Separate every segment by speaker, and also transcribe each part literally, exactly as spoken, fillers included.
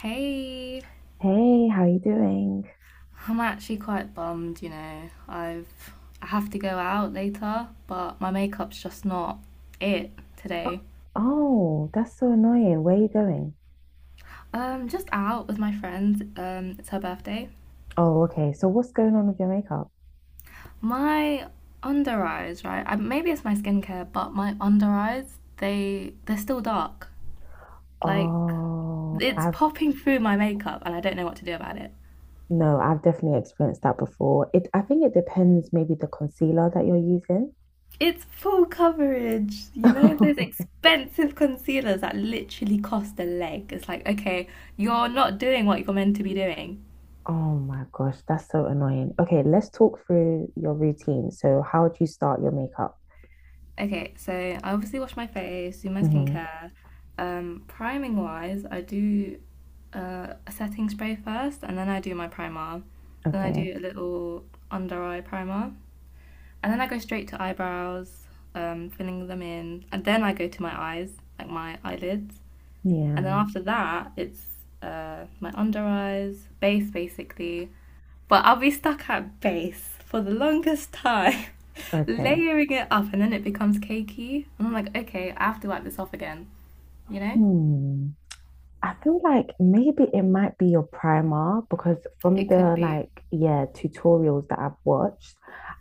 Speaker 1: Hey,
Speaker 2: Hey, how you doing?
Speaker 1: I'm actually quite bummed, you know. I've I have to go out later, but my makeup's just not it
Speaker 2: Oh,
Speaker 1: today.
Speaker 2: oh, that's so annoying. Where are you going?
Speaker 1: Um, just out with my friend. Um, it's her birthday.
Speaker 2: Oh, okay. So what's going on with your makeup?
Speaker 1: My under eyes, right? I, maybe it's my skincare, but my under eyes, they they're still dark. Like
Speaker 2: Oh,
Speaker 1: it's
Speaker 2: I've
Speaker 1: popping through my makeup, and I don't know what to do about it.
Speaker 2: no, I've definitely experienced that before. It, I think it depends maybe the concealer that you're using.
Speaker 1: It's full coverage. You know, those expensive concealers that literally cost a leg. It's like, okay, you're not doing what you're meant to be doing.
Speaker 2: Oh my gosh, that's so annoying. Okay, let's talk through your routine. So how do you start your makeup?
Speaker 1: Okay, so I obviously wash my face, do my
Speaker 2: Hmm.
Speaker 1: skincare. Um, priming wise, I do uh, a setting spray first, and then I do my primer. Then I
Speaker 2: Okay.
Speaker 1: do a little under eye primer. And then I go straight to eyebrows, um, filling them in. And then I go to my eyes, like my eyelids. And then
Speaker 2: Yeah.
Speaker 1: after that, it's uh, my under eyes, base basically. But I'll be stuck at base for the longest time,
Speaker 2: Okay.
Speaker 1: layering it up, and then it becomes cakey. And I'm like, okay, I have to wipe this off again, you know?
Speaker 2: Hmm. I feel like maybe it might be your primer because from
Speaker 1: It could
Speaker 2: the,
Speaker 1: be.
Speaker 2: like, yeah, tutorials that I've watched,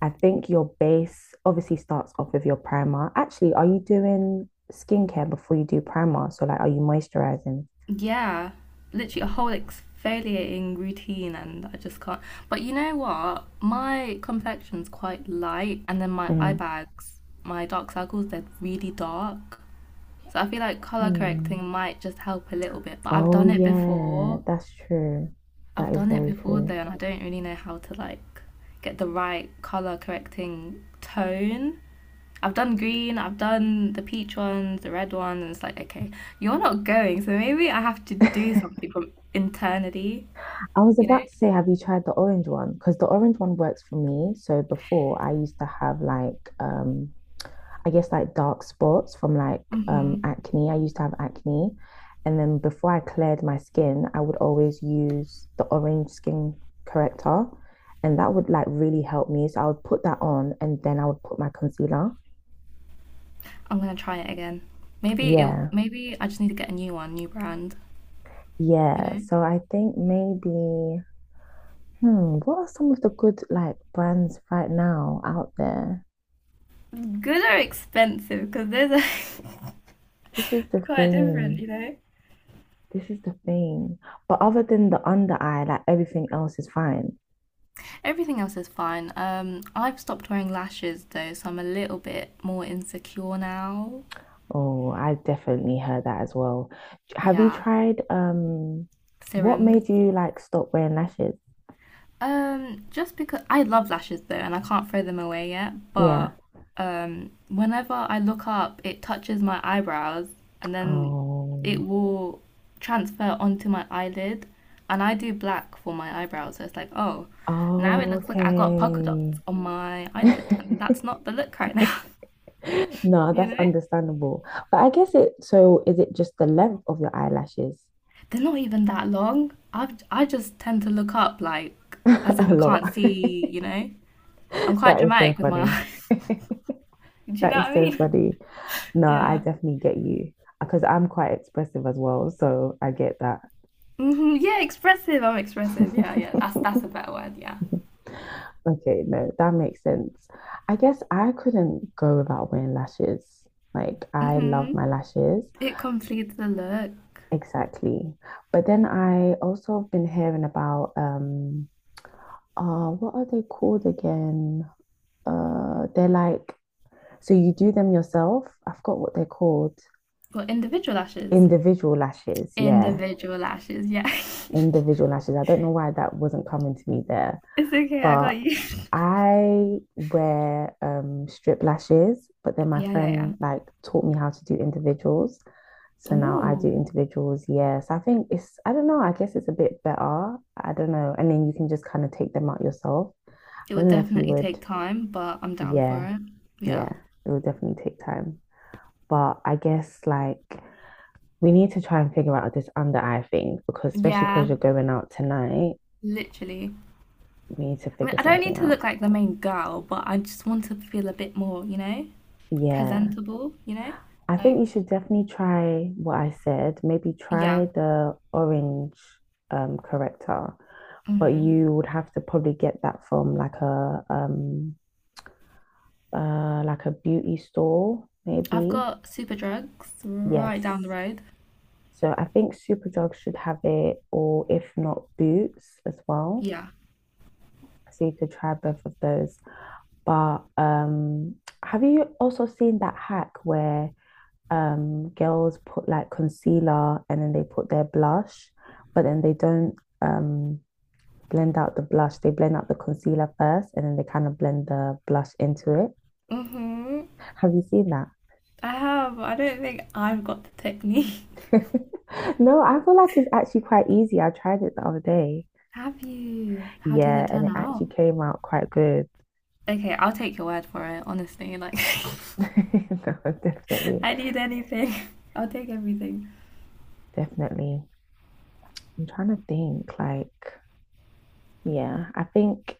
Speaker 2: I think your base obviously starts off with your primer. Actually, are you doing skincare before you do primer? So like, are you moisturizing?
Speaker 1: Yeah, literally a whole exfoliating routine, and I just can't. But you know what? My complexion's quite light, and then my eye
Speaker 2: Mm.
Speaker 1: bags, my dark circles, they're really dark. So I feel like color
Speaker 2: Hmm.
Speaker 1: correcting might just help a little bit. But I've
Speaker 2: Oh
Speaker 1: done it
Speaker 2: yeah,
Speaker 1: before.
Speaker 2: that's true. That
Speaker 1: I've
Speaker 2: is
Speaker 1: done it
Speaker 2: very
Speaker 1: before though,
Speaker 2: true.
Speaker 1: and I don't really know how to like get the right color correcting tone. I've done green, I've done the peach ones, the red ones, and it's like, okay, you're not going, so maybe I have to do
Speaker 2: I
Speaker 1: something from internally,
Speaker 2: was
Speaker 1: you know?
Speaker 2: about to say, have you tried the orange one? Because the orange one works for me. So before I used to have like um I guess like dark spots from like um
Speaker 1: hmm
Speaker 2: acne. I used to have acne. And then before I cleared my skin, I would always use the orange skin corrector. And that would like really help me. So I would put that on and then I would put my concealer.
Speaker 1: I'm gonna try it again. Maybe it,
Speaker 2: Yeah.
Speaker 1: maybe I just need to get a new one, new brand, you
Speaker 2: Yeah.
Speaker 1: know?
Speaker 2: So I think maybe, hmm, what are some of the good like brands right now out there?
Speaker 1: Good or expensive, because there's are
Speaker 2: This is the
Speaker 1: quite different,
Speaker 2: thing.
Speaker 1: you know?
Speaker 2: This is the thing. But other than the under eye, like everything else is fine.
Speaker 1: Everything else is fine. Um, I've stopped wearing lashes though, so I'm a little bit more insecure now.
Speaker 2: Oh, I definitely heard that as well. Have you
Speaker 1: Yeah,
Speaker 2: tried um what
Speaker 1: serum.
Speaker 2: made you like stop wearing lashes?
Speaker 1: Um, just because I love lashes though, and I can't throw them away yet, but
Speaker 2: Yeah.
Speaker 1: um, whenever I look up, it touches my eyebrows and then it
Speaker 2: Oh.
Speaker 1: will transfer onto my eyelid. And I do black for my eyebrows, so it's like, oh, now it
Speaker 2: Oh,
Speaker 1: looks like I got polka dots
Speaker 2: okay.
Speaker 1: on my eyelid, and that's not the look right now,
Speaker 2: No,
Speaker 1: you
Speaker 2: that's
Speaker 1: know?
Speaker 2: understandable. But I guess it so is it just the length of your eyelashes?
Speaker 1: They're not even that long. I've, I just tend to look up like as if
Speaker 2: A
Speaker 1: I can't
Speaker 2: lot.
Speaker 1: see, you know? I'm quite
Speaker 2: That is so
Speaker 1: dramatic with my
Speaker 2: funny.
Speaker 1: eyes. Do you
Speaker 2: That
Speaker 1: know what
Speaker 2: is
Speaker 1: I
Speaker 2: so
Speaker 1: mean?
Speaker 2: funny. No, I
Speaker 1: Yeah.
Speaker 2: definitely get you because I'm quite expressive as well, so I get that.
Speaker 1: Hmm. Yeah, expressive. I'm expressive. Yeah, yeah. That's that's a better word. Yeah.
Speaker 2: Okay, no, that makes sense. I guess I couldn't go without wearing lashes. Like, I
Speaker 1: Hmm.
Speaker 2: love my lashes.
Speaker 1: It completes the look.
Speaker 2: Exactly. But then I also have been hearing about um uh what are they called again? Uh they're like, so you do them yourself. I forgot what they're called.
Speaker 1: Well, individual lashes.
Speaker 2: Individual lashes, yeah.
Speaker 1: Individual lashes. Yeah.
Speaker 2: Individual lashes. I don't know why that wasn't coming to me there.
Speaker 1: It's okay. I got
Speaker 2: But
Speaker 1: you.
Speaker 2: I wear um strip lashes, but then my
Speaker 1: Yeah, yeah, yeah.
Speaker 2: friend like taught me how to do individuals. So now I do
Speaker 1: Oh,
Speaker 2: individuals, yeah. So I think it's, I don't know, I guess it's a bit better. I don't know. And then you can just kind of take them out yourself. I
Speaker 1: it would
Speaker 2: don't know if you
Speaker 1: definitely
Speaker 2: would,
Speaker 1: take time, but I'm down for
Speaker 2: yeah,
Speaker 1: it. Yeah.
Speaker 2: yeah, it would definitely take time. But I guess like we need to try and figure out this under eye thing because especially because
Speaker 1: Yeah,
Speaker 2: you're going out tonight,
Speaker 1: literally.
Speaker 2: we need to
Speaker 1: I mean,
Speaker 2: figure
Speaker 1: I don't need
Speaker 2: something
Speaker 1: to
Speaker 2: out.
Speaker 1: look like the main girl, but I just want to feel a bit more, you know,
Speaker 2: Yeah.
Speaker 1: presentable, you know?
Speaker 2: I think
Speaker 1: Like,
Speaker 2: you should definitely try what I said. Maybe
Speaker 1: yeah.
Speaker 2: try the orange um, corrector, but
Speaker 1: hmm
Speaker 2: you would have to probably get that from like a um uh like a beauty store,
Speaker 1: I've
Speaker 2: maybe.
Speaker 1: got super drugs right down the
Speaker 2: Yes.
Speaker 1: road.
Speaker 2: So I think Superdrug should have it, or if not, Boots as well.
Speaker 1: Yeah.
Speaker 2: So you could try both of those. But um, have you also seen that hack where um girls put like concealer and then they put their blush, but then they don't um blend out the blush. They blend out the concealer first and then they kind of blend the blush into it.
Speaker 1: Mm-hmm.
Speaker 2: Have you seen that?
Speaker 1: I have. I don't think I've got the technique.
Speaker 2: No, I feel like it's actually quite easy. I tried it the other day.
Speaker 1: Have you? How did
Speaker 2: Yeah,
Speaker 1: it
Speaker 2: and
Speaker 1: turn
Speaker 2: it actually
Speaker 1: out?
Speaker 2: came out quite good.
Speaker 1: Okay, I'll take your word for it, honestly. Like,
Speaker 2: No, definitely,
Speaker 1: I need anything. I'll take everything.
Speaker 2: definitely. I'm trying to think, like, yeah, I think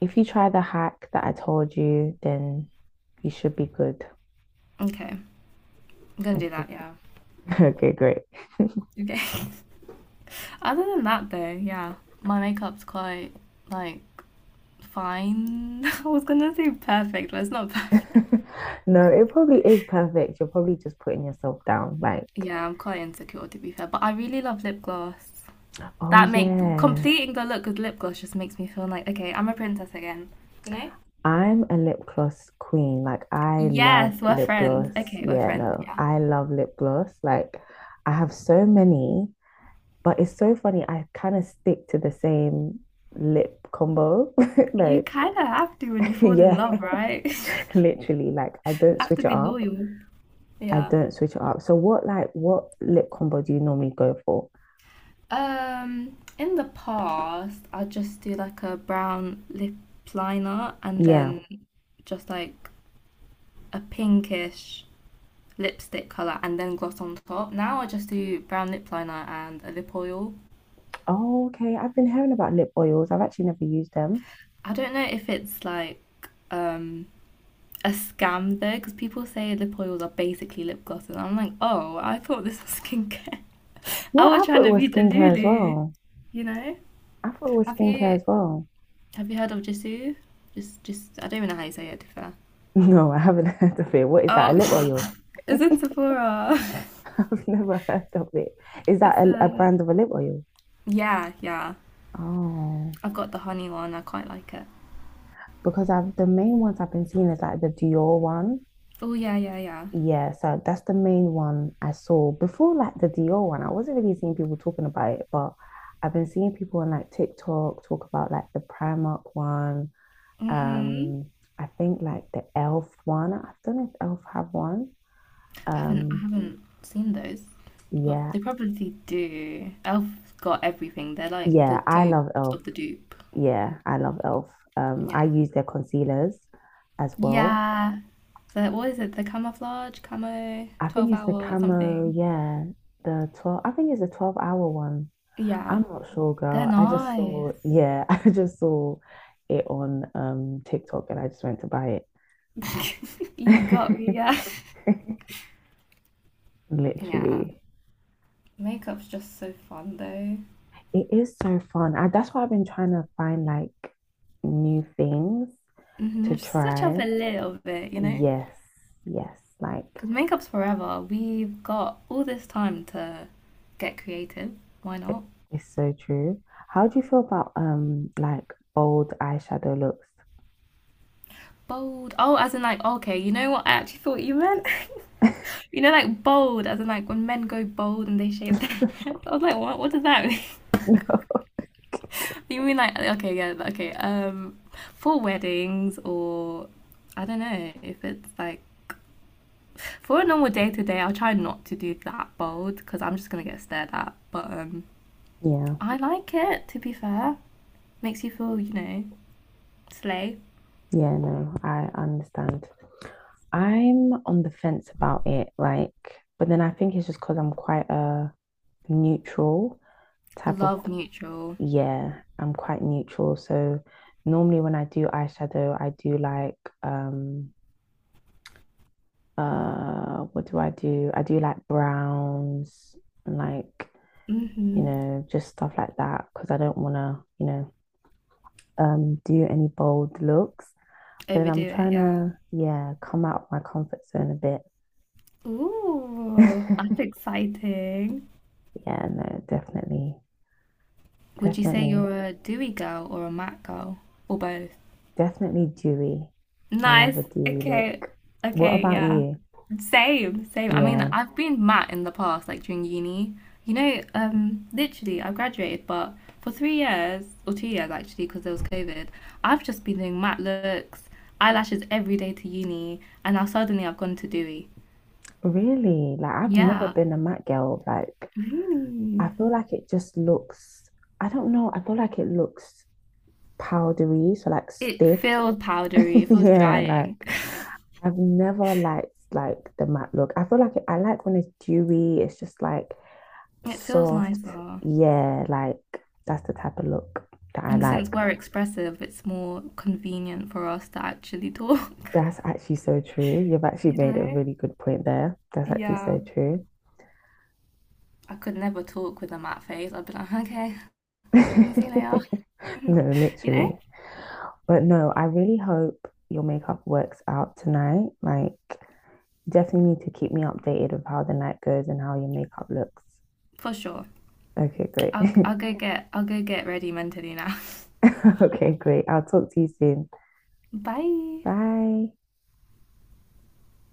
Speaker 2: if you try the hack that I told you, then you should be good.
Speaker 1: Okay, I'm gonna do
Speaker 2: Okay,
Speaker 1: that,
Speaker 2: great.
Speaker 1: yeah.
Speaker 2: Okay, great.
Speaker 1: Okay. Other than that, though, yeah, my makeup's quite, like, fine. I was gonna say perfect, but it's not perfect.
Speaker 2: No, it probably is perfect. You're probably just putting yourself down, like.
Speaker 1: Yeah, I'm quite insecure, to be fair, but I really love lip gloss.
Speaker 2: Oh
Speaker 1: That make
Speaker 2: yeah,
Speaker 1: completing the look with lip gloss just makes me feel like, okay, I'm a princess again. You know?
Speaker 2: I'm a lip gloss queen. Like I love
Speaker 1: Yes, we're
Speaker 2: lip
Speaker 1: friends.
Speaker 2: gloss.
Speaker 1: Okay, we're
Speaker 2: Yeah,
Speaker 1: friends.
Speaker 2: no,
Speaker 1: Yeah.
Speaker 2: I love lip gloss. Like I have so many, but it's so funny. I kind of stick to the same lip combo.
Speaker 1: You
Speaker 2: Like,
Speaker 1: kind of have to when you fall in
Speaker 2: yeah,
Speaker 1: love, right?
Speaker 2: literally. Like I don't
Speaker 1: Have to
Speaker 2: switch it
Speaker 1: be
Speaker 2: up.
Speaker 1: loyal.
Speaker 2: I
Speaker 1: Yeah.
Speaker 2: don't switch it up. So what like what lip combo do you normally go for?
Speaker 1: Um, in the past, I just do like a brown lip liner and
Speaker 2: Yeah.
Speaker 1: then just like a pinkish lipstick color and then gloss on top. Now I just do brown lip liner and a lip oil.
Speaker 2: Oh, okay. I've been hearing about lip oils. I've actually never used them.
Speaker 1: I don't know if it's like um a scam though because people say lip oils are basically lip glosses. I'm like, oh, I thought this was skincare. I
Speaker 2: Yeah, I
Speaker 1: was
Speaker 2: thought
Speaker 1: trying
Speaker 2: it
Speaker 1: to be
Speaker 2: was
Speaker 1: the
Speaker 2: skincare as
Speaker 1: Lulu,
Speaker 2: well.
Speaker 1: you know.
Speaker 2: I thought it was
Speaker 1: Have
Speaker 2: skincare
Speaker 1: you
Speaker 2: as well.
Speaker 1: have you heard of Jisoo? Just just I don't even know how you say it. To be fair.
Speaker 2: No, I haven't heard of it. What is that? A lip oil?
Speaker 1: Oh,
Speaker 2: I've
Speaker 1: it's in Sephora.
Speaker 2: never heard of it. Is that
Speaker 1: It's
Speaker 2: a, a
Speaker 1: a
Speaker 2: brand of a lip oil?
Speaker 1: yeah yeah.
Speaker 2: Oh,
Speaker 1: I've got the honey one. I quite like it.
Speaker 2: because I've the main ones I've been seeing is like the Dior one.
Speaker 1: Oh, yeah yeah yeah.
Speaker 2: Yeah, so that's the main one I saw before, like the Dior one. I wasn't really seeing people talking about it, but I've been seeing people on like TikTok talk about like the Primark one.
Speaker 1: Mhm.
Speaker 2: Um, I think like the Elf one. I don't know if Elf have one.
Speaker 1: Haven't I
Speaker 2: Um,
Speaker 1: haven't seen those, but
Speaker 2: yeah,
Speaker 1: they probably do. Elf's got everything. They're like the
Speaker 2: yeah, I love
Speaker 1: dupes
Speaker 2: Elf.
Speaker 1: of the dupe.
Speaker 2: Yeah, I love Elf. Um, I
Speaker 1: Yeah.
Speaker 2: use their concealers as well.
Speaker 1: Yeah. The what is it? The camouflage, camo,
Speaker 2: I
Speaker 1: twelve
Speaker 2: think it's the
Speaker 1: hour or
Speaker 2: camo.
Speaker 1: something.
Speaker 2: Yeah, the twelve. I think it's the twelve hour one.
Speaker 1: Yeah.
Speaker 2: I'm not sure,
Speaker 1: They're
Speaker 2: girl. I just saw,
Speaker 1: nice.
Speaker 2: yeah, I just saw it on um TikTok and I just went to buy
Speaker 1: You got me,
Speaker 2: it.
Speaker 1: yeah. Yeah.
Speaker 2: Literally.
Speaker 1: Makeup's just so fun though.
Speaker 2: It is so fun. I, that's why I've been trying to find like new things
Speaker 1: hmm
Speaker 2: to
Speaker 1: Just switch up
Speaker 2: try.
Speaker 1: a little bit, you know?
Speaker 2: Yes, yes, like
Speaker 1: Because makeup's forever. We've got all this time to get creative. Why not?
Speaker 2: it's so true. How do you feel about um like bold eyeshadow looks?
Speaker 1: Bold. Oh, as in like, okay, you know what? I actually thought you meant, you know, like bold, as in like when men go bold and they shave their heads. I was like, what? What does that
Speaker 2: No.
Speaker 1: You mean like okay, yeah, okay. Um, for weddings or I don't know if it's like for a normal day to day, I'll try not to do that bold because I'm just gonna get stared at. But um,
Speaker 2: Yeah,
Speaker 1: I like it to be fair. Makes you feel, you know, slay.
Speaker 2: yeah, no, I understand. I'm on the fence about it, like, but then I think it's just because I'm quite a neutral type of,
Speaker 1: Love neutral.
Speaker 2: yeah, I'm quite neutral. So normally when I do eyeshadow, I do like um uh what do I do? I do like browns and like, you
Speaker 1: Mm-hmm.
Speaker 2: know, just stuff like that because I don't want to, you know, um do any bold looks. But then
Speaker 1: Overdo
Speaker 2: I'm
Speaker 1: it,
Speaker 2: trying
Speaker 1: yeah.
Speaker 2: to, yeah, come out of my comfort zone a bit.
Speaker 1: Ooh, that's exciting.
Speaker 2: Yeah, no, definitely.
Speaker 1: Would you say you're
Speaker 2: Definitely.
Speaker 1: a dewy girl or a matte girl or both?
Speaker 2: Definitely dewy. I love
Speaker 1: Nice.
Speaker 2: a dewy
Speaker 1: Okay.
Speaker 2: look. What
Speaker 1: Okay,
Speaker 2: about
Speaker 1: yeah.
Speaker 2: you?
Speaker 1: Same, same. I mean,
Speaker 2: Yeah.
Speaker 1: I've been mat in the past, like during uni. You know, um, literally, I graduated, but for three years or two years actually, because there was COVID, I've just been doing matte looks, eyelashes every day to uni, and now suddenly I've gone to dewy.
Speaker 2: Really, like I've never
Speaker 1: Yeah,
Speaker 2: been a matte girl. Like I
Speaker 1: really.
Speaker 2: feel like it just looks, I don't know, I feel like it looks powdery, so like
Speaker 1: It
Speaker 2: stiff.
Speaker 1: feels powdery. It feels
Speaker 2: Yeah, like
Speaker 1: drying.
Speaker 2: I've never liked like the matte look. I feel like it, I like when it's dewy, it's just like
Speaker 1: It feels
Speaker 2: soft.
Speaker 1: nicer.
Speaker 2: Yeah, like that's the type of look that I
Speaker 1: And since
Speaker 2: like.
Speaker 1: we're expressive, it's more convenient for us to actually talk,
Speaker 2: That's actually so true. You've actually
Speaker 1: you
Speaker 2: made a
Speaker 1: know?
Speaker 2: really good point there. That's actually
Speaker 1: Yeah,
Speaker 2: so true.
Speaker 1: I could never talk with a matte face. I'd be like, okay, see you later.
Speaker 2: No,
Speaker 1: You
Speaker 2: literally.
Speaker 1: know,
Speaker 2: But no, I really hope your makeup works out tonight. Like, definitely need to keep me updated of how the night goes and how your makeup looks.
Speaker 1: for sure.
Speaker 2: Okay, great.
Speaker 1: I'll I'll go get I'll go get ready mentally now.
Speaker 2: Okay, great. I'll talk to you soon.
Speaker 1: Bye.
Speaker 2: Bye.